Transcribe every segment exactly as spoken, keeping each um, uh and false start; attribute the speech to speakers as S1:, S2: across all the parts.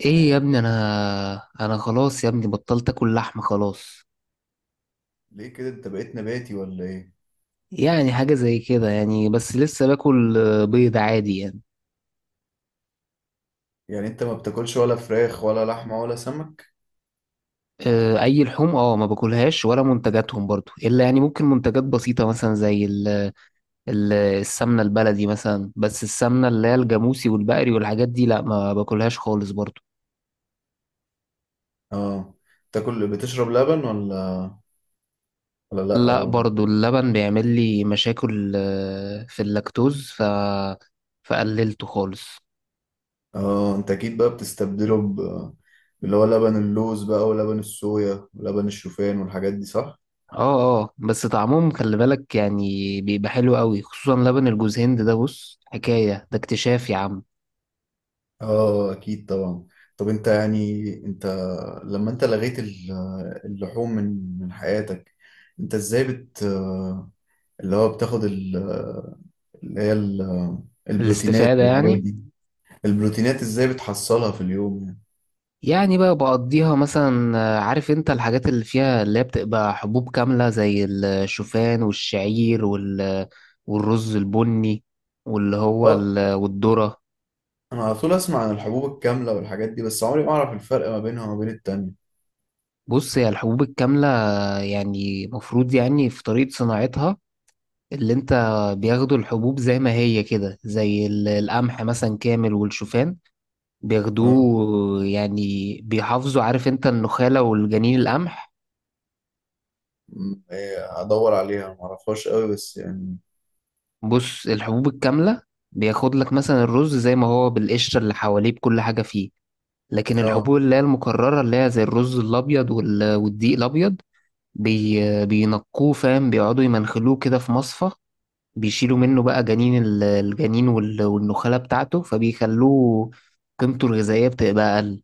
S1: ايه يا ابني. انا انا خلاص يا ابني، بطلت اكل لحمه خلاص.
S2: ليه كده انت بقيت نباتي ولا ايه؟
S1: يعني حاجه زي كده يعني، بس لسه باكل آه، بيض عادي يعني.
S2: يعني انت ما بتاكلش ولا فراخ ولا لحمة ولا سمك؟
S1: آه، اي لحوم اه ما باكلهاش، ولا منتجاتهم برضو، الا يعني ممكن منتجات بسيطه مثلا زي ال ال السمنه البلدي مثلا. بس السمنه اللي هي الجاموسي والبقري والحاجات دي لا، ما باكلهاش خالص برضو.
S2: اه. تاكل بتشرب لبن ولا ولا لا
S1: لا
S2: برضه؟
S1: برضو اللبن بيعمل لي مشاكل، آه، في اللاكتوز، ف فقللته خالص.
S2: اه، انت اكيد بقى بتستبدله ب اللي هو لبن اللوز بقى، ولبن الصويا، ولبن الشوفان، والحاجات دي، صح؟
S1: اه اه، بس طعمهم خلي بالك يعني، بيبقى حلو قوي خصوصا لبن الجوز هند ده. بص حكاية ده، اكتشاف يا عم.
S2: اه، اكيد طبعا. طب انت يعني انت لما انت لغيت ال- اللحوم من من حياتك، انت ازاي بت اللي هو بتاخد ال- اللي هي ال- البروتينات
S1: الاستفادة
S2: والحاجات
S1: يعني.
S2: دي، البروتينات ازاي بتحصلها في اليوم يعني؟
S1: يعني بقى بقضيها مثلا آه، عارف انت الحاجات اللي فيها اللي هي بتبقى حبوب كاملة، زي الشوفان والشعير وال والرز البني واللي هو
S2: اه.
S1: ال... والذرة.
S2: انا على طول اسمع عن الحبوب الكاملة والحاجات دي، بس عمري ما اعرف الفرق ما بينها وما بين التانية.
S1: بص هي الحبوب الكاملة آه، يعني مفروض يعني في طريقة صناعتها، اللي انت بياخدوا الحبوب زي ما هي كده، زي ال- القمح مثلا كامل والشوفان،
S2: اه،
S1: بياخدوه يعني بيحافظوا عارف انت النخالة والجنين القمح.
S2: م- إيه، ادور عليها ما اعرفهاش قوي بس يعني.
S1: بص الحبوب الكاملة بياخد لك مثلا الرز زي ما هو بالقشرة اللي حواليه بكل حاجة فيه، لكن الحبوب
S2: اه،
S1: اللي هي المكررة اللي هي زي الرز الأبيض وال- والدقيق الأبيض بي بينقوه فاهم، بيقعدوا يمنخلوه كده في مصفى، بيشيلوا منه بقى جنين ال- الجنين وال- والنخالة بتاعته، فبيخلوه قيمته الغذائية بتبقى أقل.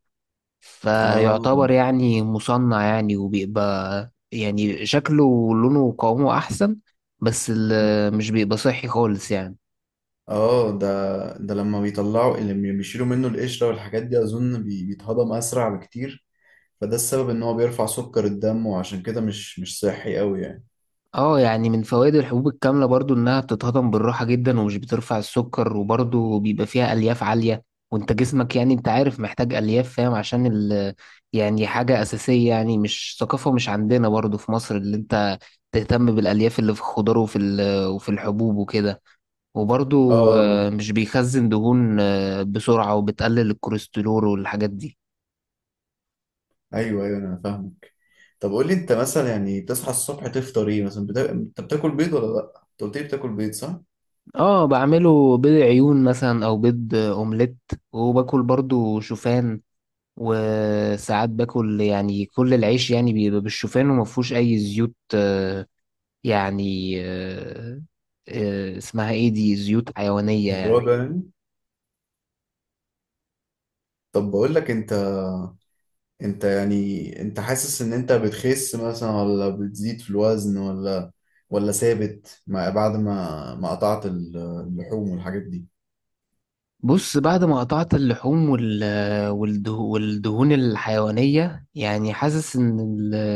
S2: اه،
S1: فيعتبر يعني مصنع يعني، وبيبقى يعني شكله ولونه وقوامه أحسن، بس ال- مش بيبقى صحي خالص يعني.
S2: اه. ده ده لما بيطلعوا لما بيشيلوا منه القشرة والحاجات دي اظن بي- بيتهضم اسرع بكتير، فده السبب ان هو بيرفع سكر الدم، وعشان كده مش مش صحي قوي يعني.
S1: اه يعني من فوائد الحبوب الكاملة برضو إنها بتتهضم بالراحة جدا، ومش بترفع السكر، وبرضو بيبقى فيها ألياف عالية. وانت جسمك يعني انت عارف محتاج ألياف، فاهم، عشان ال يعني حاجة أساسية يعني. مش ثقافة، مش عندنا برضو في مصر، اللي انت تهتم بالألياف اللي في الخضار وفي ال- وفي الحبوب وكده.
S2: اه،
S1: وبرضو آه،
S2: آه،
S1: مش بيخزن دهون آه، بسرعة، وبتقلل الكوليسترول والحاجات دي.
S2: ايوه ايوه انا فاهمك. طب قول لي انت مثلا، يعني تصحى الصبح تفطر ايه مثلا، بتا... انت بتاكل بيض ولا لا، انت قلت لي بتاكل بيض صح؟
S1: اه، بعمله بيض عيون مثلا او بيض آه، اومليت، وباكل برضو شوفان. وساعات باكل يعني كل العيش يعني بيبقى بالشوفان ومفهوش اي زيوت آه، يعني آه، آه، اسمها ايه دي، زيوت حيوانية يعني.
S2: مضروب يعني؟ طب بقول لك انت انت يعني انت حاسس ان انت بتخس مثلا ولا بتزيد في الوزن، ولا ولا ثابت، مع بعد ما ما قطعت ال- اللحوم والحاجات دي؟
S1: بص بعد ما قطعت اللحوم وال- آه، والده- والدهون الحيوانية، يعني حاسس ان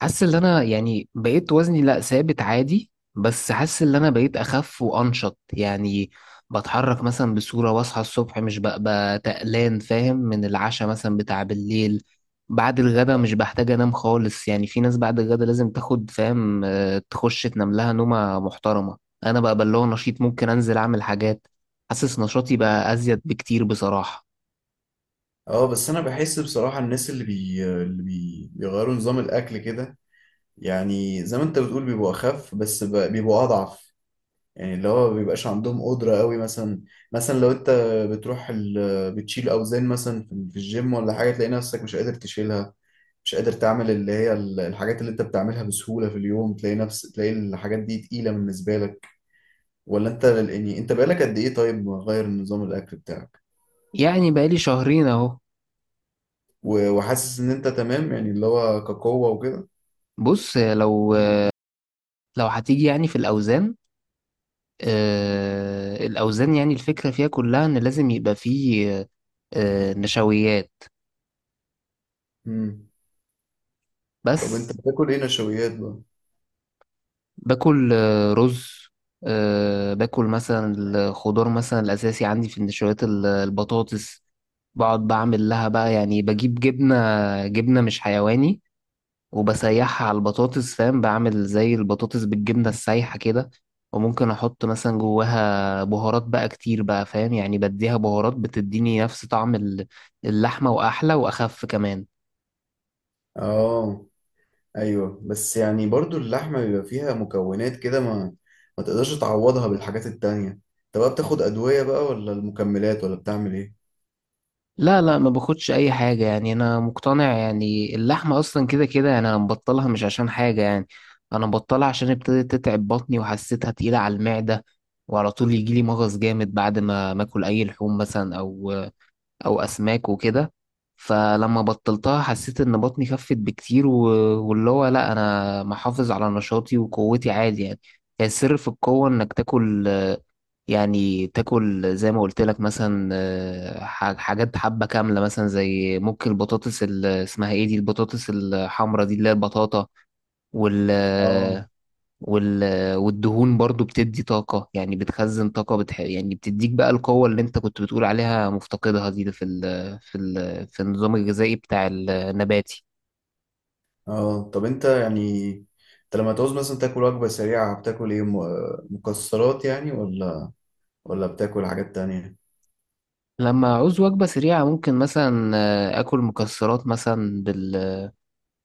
S1: حاسس ان انا يعني بقيت وزني لا، ثابت عادي، بس حاسس ان انا بقيت اخف وانشط يعني. بتحرك مثلا بصورة، واصحى الصبح مش ببقى تقلان، فاهم، من العشاء مثلا بتاع بالليل. بعد الغدا مش بحتاج انام خالص يعني. في ناس بعد الغدا لازم تاخد فاهم آه، تخش تنام لها نومة محترمة. انا بقى بلغ نشيط، ممكن انزل اعمل حاجات، حاسس نشاطي بقى ازيد بكتير بصراحة.
S2: اه، بس انا بحس بصراحة، الناس اللي بي... اللي بي... بيغيروا نظام الاكل كده، يعني زي ما انت بتقول بيبقوا اخف بس ب... بيبقوا اضعف، يعني اللي هو ما بيبقاش عندهم قدرة قوي مثلا. مثلا لو انت بتروح ال... بتشيل اوزان مثلا في في الجيم ولا حاجة، تلاقي نفسك مش قادر تشيلها، مش قادر تعمل اللي هي ال- الحاجات اللي انت بتعملها بسهولة في اليوم، تلاقي نفس تلاقي الحاجات دي تقيلة بالنسبة لك؟ ولا انت يعني انت بقالك قد ايه طيب مغير نظام الاكل بتاعك؟
S1: يعني بقالي شهرين اهو.
S2: و... وحاسس ان انت تمام يعني اللي هو كقوة وكده؟
S1: بص لو لو هتيجي يعني في الاوزان، آه، الأوزان يعني الفكرة فيها كلها إن لازم يبقى فيه آه، آه، نشويات
S2: مم. طب
S1: بس.
S2: انت بتاكل ايه نشويات بقى؟
S1: باكل آه، رز، آه، باكل مثلا الخضار. مثلا الأساسي عندي في النشويات ال- البطاطس. بقعد بعمل لها بقى يعني، بجيب جبنة، جبنة مش حيواني، وبسيحها على البطاطس، فاهم، بعمل زي البطاطس بالجبنة السايحة كده. وممكن أحط مثلا جواها بهارات بقى كتير بقى فاهم، يعني بديها بهارات بتديني نفس طعم ال- اللحمة وأحلى وأخف كمان.
S2: اه، ايوه، بس يعني برضو اللحمه بيبقى فيها مكونات كده، ما ما تقدرش تعوضها بالحاجات التانية، انت بقى بتاخد ادويه بقى، ولا المكملات، ولا بتعمل ايه؟
S1: لا لا ما باخدش أي حاجة يعني. أنا مقتنع يعني اللحمة أصلا كده كده يعني. أنا مبطلها مش عشان حاجة يعني، أنا مبطلها عشان ابتدت تتعب بطني، وحسيتها تقيلة على المعدة، وعلى طول يجيلي مغص جامد بعد ما ماكل أي لحوم مثلا، أو او اسماك وكده. فلما بطلتها حسيت ان بطني خفت بكتير، و... واللي هو لا، انا محافظ على نشاطي وقوتي عادي يعني. هي السر في القوة انك تاكل آه، يعني تاكل زي ما قلت لك مثلا، آه، ح- حاجات حبة كاملة مثلا، زي ممكن البطاطس ال- اسمها ايه دي، البطاطس الحمرا دي اللي هي البطاطا وال
S2: اه،
S1: وال... والدهون برضو بتدي طاقة، يعني بتخزن طاقة، بتح... يعني بتديك بقى القوة اللي انت كنت بتقول عليها مفتقدها دي في ال... في ال... في النظام الغذائي بتاع النباتي.
S2: اه. طب انت يعني انت لما تعوز مثلا تاكل وجبه سريعه بتاكل ايه، م- مكسرات يعني، ولا ولا بتاكل حاجات تانية؟
S1: لما أعوز وجبة سريعة ممكن مثلا آه، آكل مكسرات مثلا بال...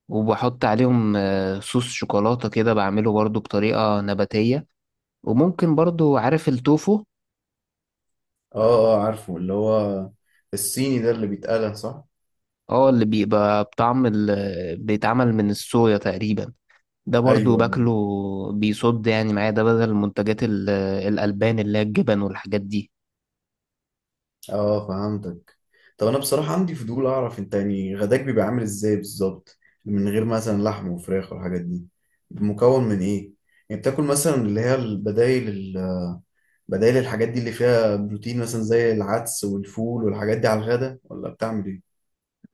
S1: وبحط عليهم آه، صوص شوكولاتة كده، بعمله برضو بطريقة نباتية. وممكن برضو عارف التوفو؟
S2: اه، اه، عارفه، اللي هو الصيني ده اللي بيتقلى صح؟
S1: اه، اللي بيبقى بطعم ال... بيتعمل من الصويا تقريبا، ده برضو
S2: ايوه.
S1: باكله. بيصد يعني معايا ده بدل منتجات ال- الألبان اللي هي الجبن والحاجات دي.
S2: اه، فهمتك. طب انا بصراحة عندي فضول اعرف، انت يعني غداك بيبقى عامل ازاي بالظبط، من غير مثلا لحم وفراخ والحاجات دي، مكون من ايه؟ يعني بتاكل مثلا اللي هي البدايل ال- بدايل الحاجات دي اللي فيها بروتين مثلا زي العدس والفول والحاجات دي على الغدا، ولا بتعمل ايه؟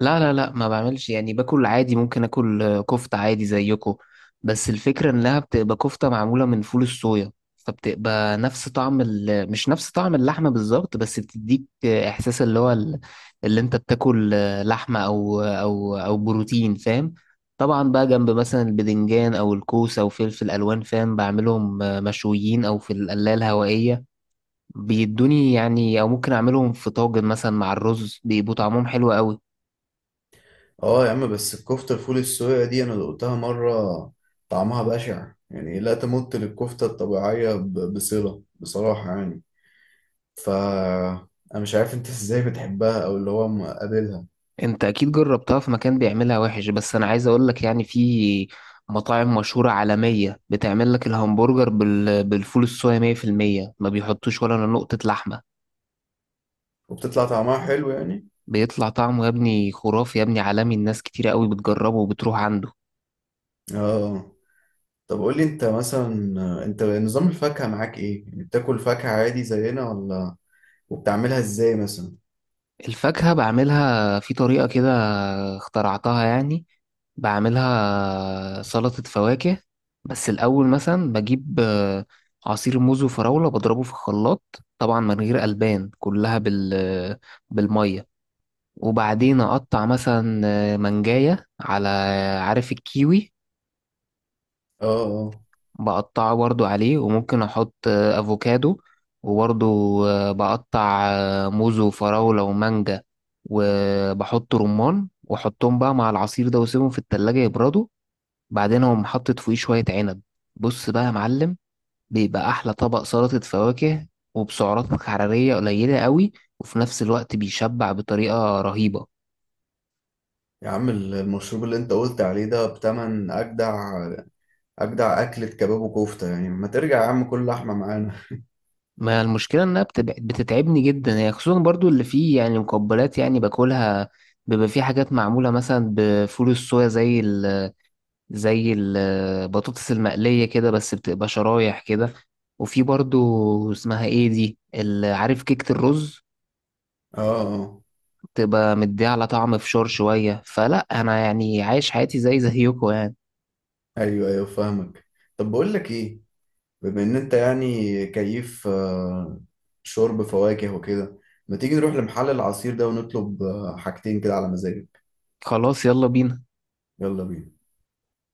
S1: لا لا لا ما بعملش يعني، باكل عادي. ممكن اكل آه، كفتة عادي زيكو، بس الفكرة انها بتبقى كفتة معمولة من فول الصويا. فبتبقى نفس طعم ال... مش نفس طعم اللحمة بالظبط، بس بتديك آه، احساس اللي هو ال- اللي انت بتاكل آه، لحمة او او او بروتين، فاهم. طبعا بقى جنب مثلا البدنجان او الكوسة او فلفل الوان فاهم، بعملهم آه، مشويين او في القلاية الهوائية، بيدوني يعني، او ممكن اعملهم في طاجن مثلا مع الرز، بيبقوا طعمهم حلو قوي.
S2: اه يا عم، بس الكفتة الفول السويا دي انا دقتها مرة، طعمها بشع يعني، لا تمت للكفتة الطبيعية ب- بصلة بصراحة يعني. ف انا مش عارف انت ازاي بتحبها او اللي هو مقابلها.
S1: انت اكيد جربتها في مكان بيعملها وحش، بس انا عايز اقول لك يعني في مطاعم مشهورة عالمية بتعمل لك الهمبرجر بال... بالفول الصويا مية في المية، ما بيحطوش ولا نقطة لحمة.
S2: وبتطلع طعمها حلو يعني؟
S1: بيطلع طعمه يا ابني خرافي يا ابني، عالمي. الناس كتير قوي بتجربه وبتروح عنده.
S2: اه. طب قول لي انت مثلا، آه، انت نظام الفاكهة معاك ايه يعني، بتاكل فاكهة عادي زينا ولا؟ وبتعملها ازاي مثلا؟
S1: الفاكهة بعملها في طريقة كده، اخترعتها يعني. بعملها سلطة فواكه. بس الأول مثلا بجيب آه، عصير موز وفراولة، بضربه في الخلاط، طبعا من غير ألبان، كلها بال بالمية. وبعدين أقطع مثلا آه، منجاية على، عارف الكيوي؟
S2: اه، اه
S1: بقطعه برضو عليه، وممكن احط آه، افوكادو، وبرضو آه، بقطع آه، موز وفراولة ومانجا، وبحط رمان، واحطهم بقى مع العصير ده واسيبهم في التلاجة يبردوا. بعدين اقوم حاطط فوقيه شوية عنب. بص بقى يا معلم، بيبقى احلى طبق سلطة فواكه، وبسعرات حرارية قليلة قوي، وفي نفس الوقت بيشبع بطريقة رهيبة.
S2: يا عم، ال- المشروب اللي انت قلت عليه ده بتمن اجدع اجدع اكلة كباب وكفتة يعني، ما ترجع يا عم كل لحمة معانا.
S1: ما المشكلة إنها بتبع- بتتعبني جدا هي، خصوصا برضو اللي فيه يعني مقبلات يعني باكلها. بيبقى فيه حاجات معمولة مثلا بفول الصويا، زي ال زي البطاطس المقلية كده، بس بتبقى شرايح كده. وفي برضو اسمها ايه دي ال- عارف كيكة الرز؟
S2: اه، اه،
S1: بتبقى مديه على طعم فشار شوية. فلا أنا يعني عايش حياتي زي زيكم يعني.
S2: ايوه ايوه فاهمك. طب بقول لك ايه، بما ان انت يعني كيف، آه، شرب فواكه وكده، ما تيجي نروح لمحل العصير ده ونطلب آه، حاجتين كده على مزاجك؟
S1: خلاص، يلا بينا.
S2: يلا بينا.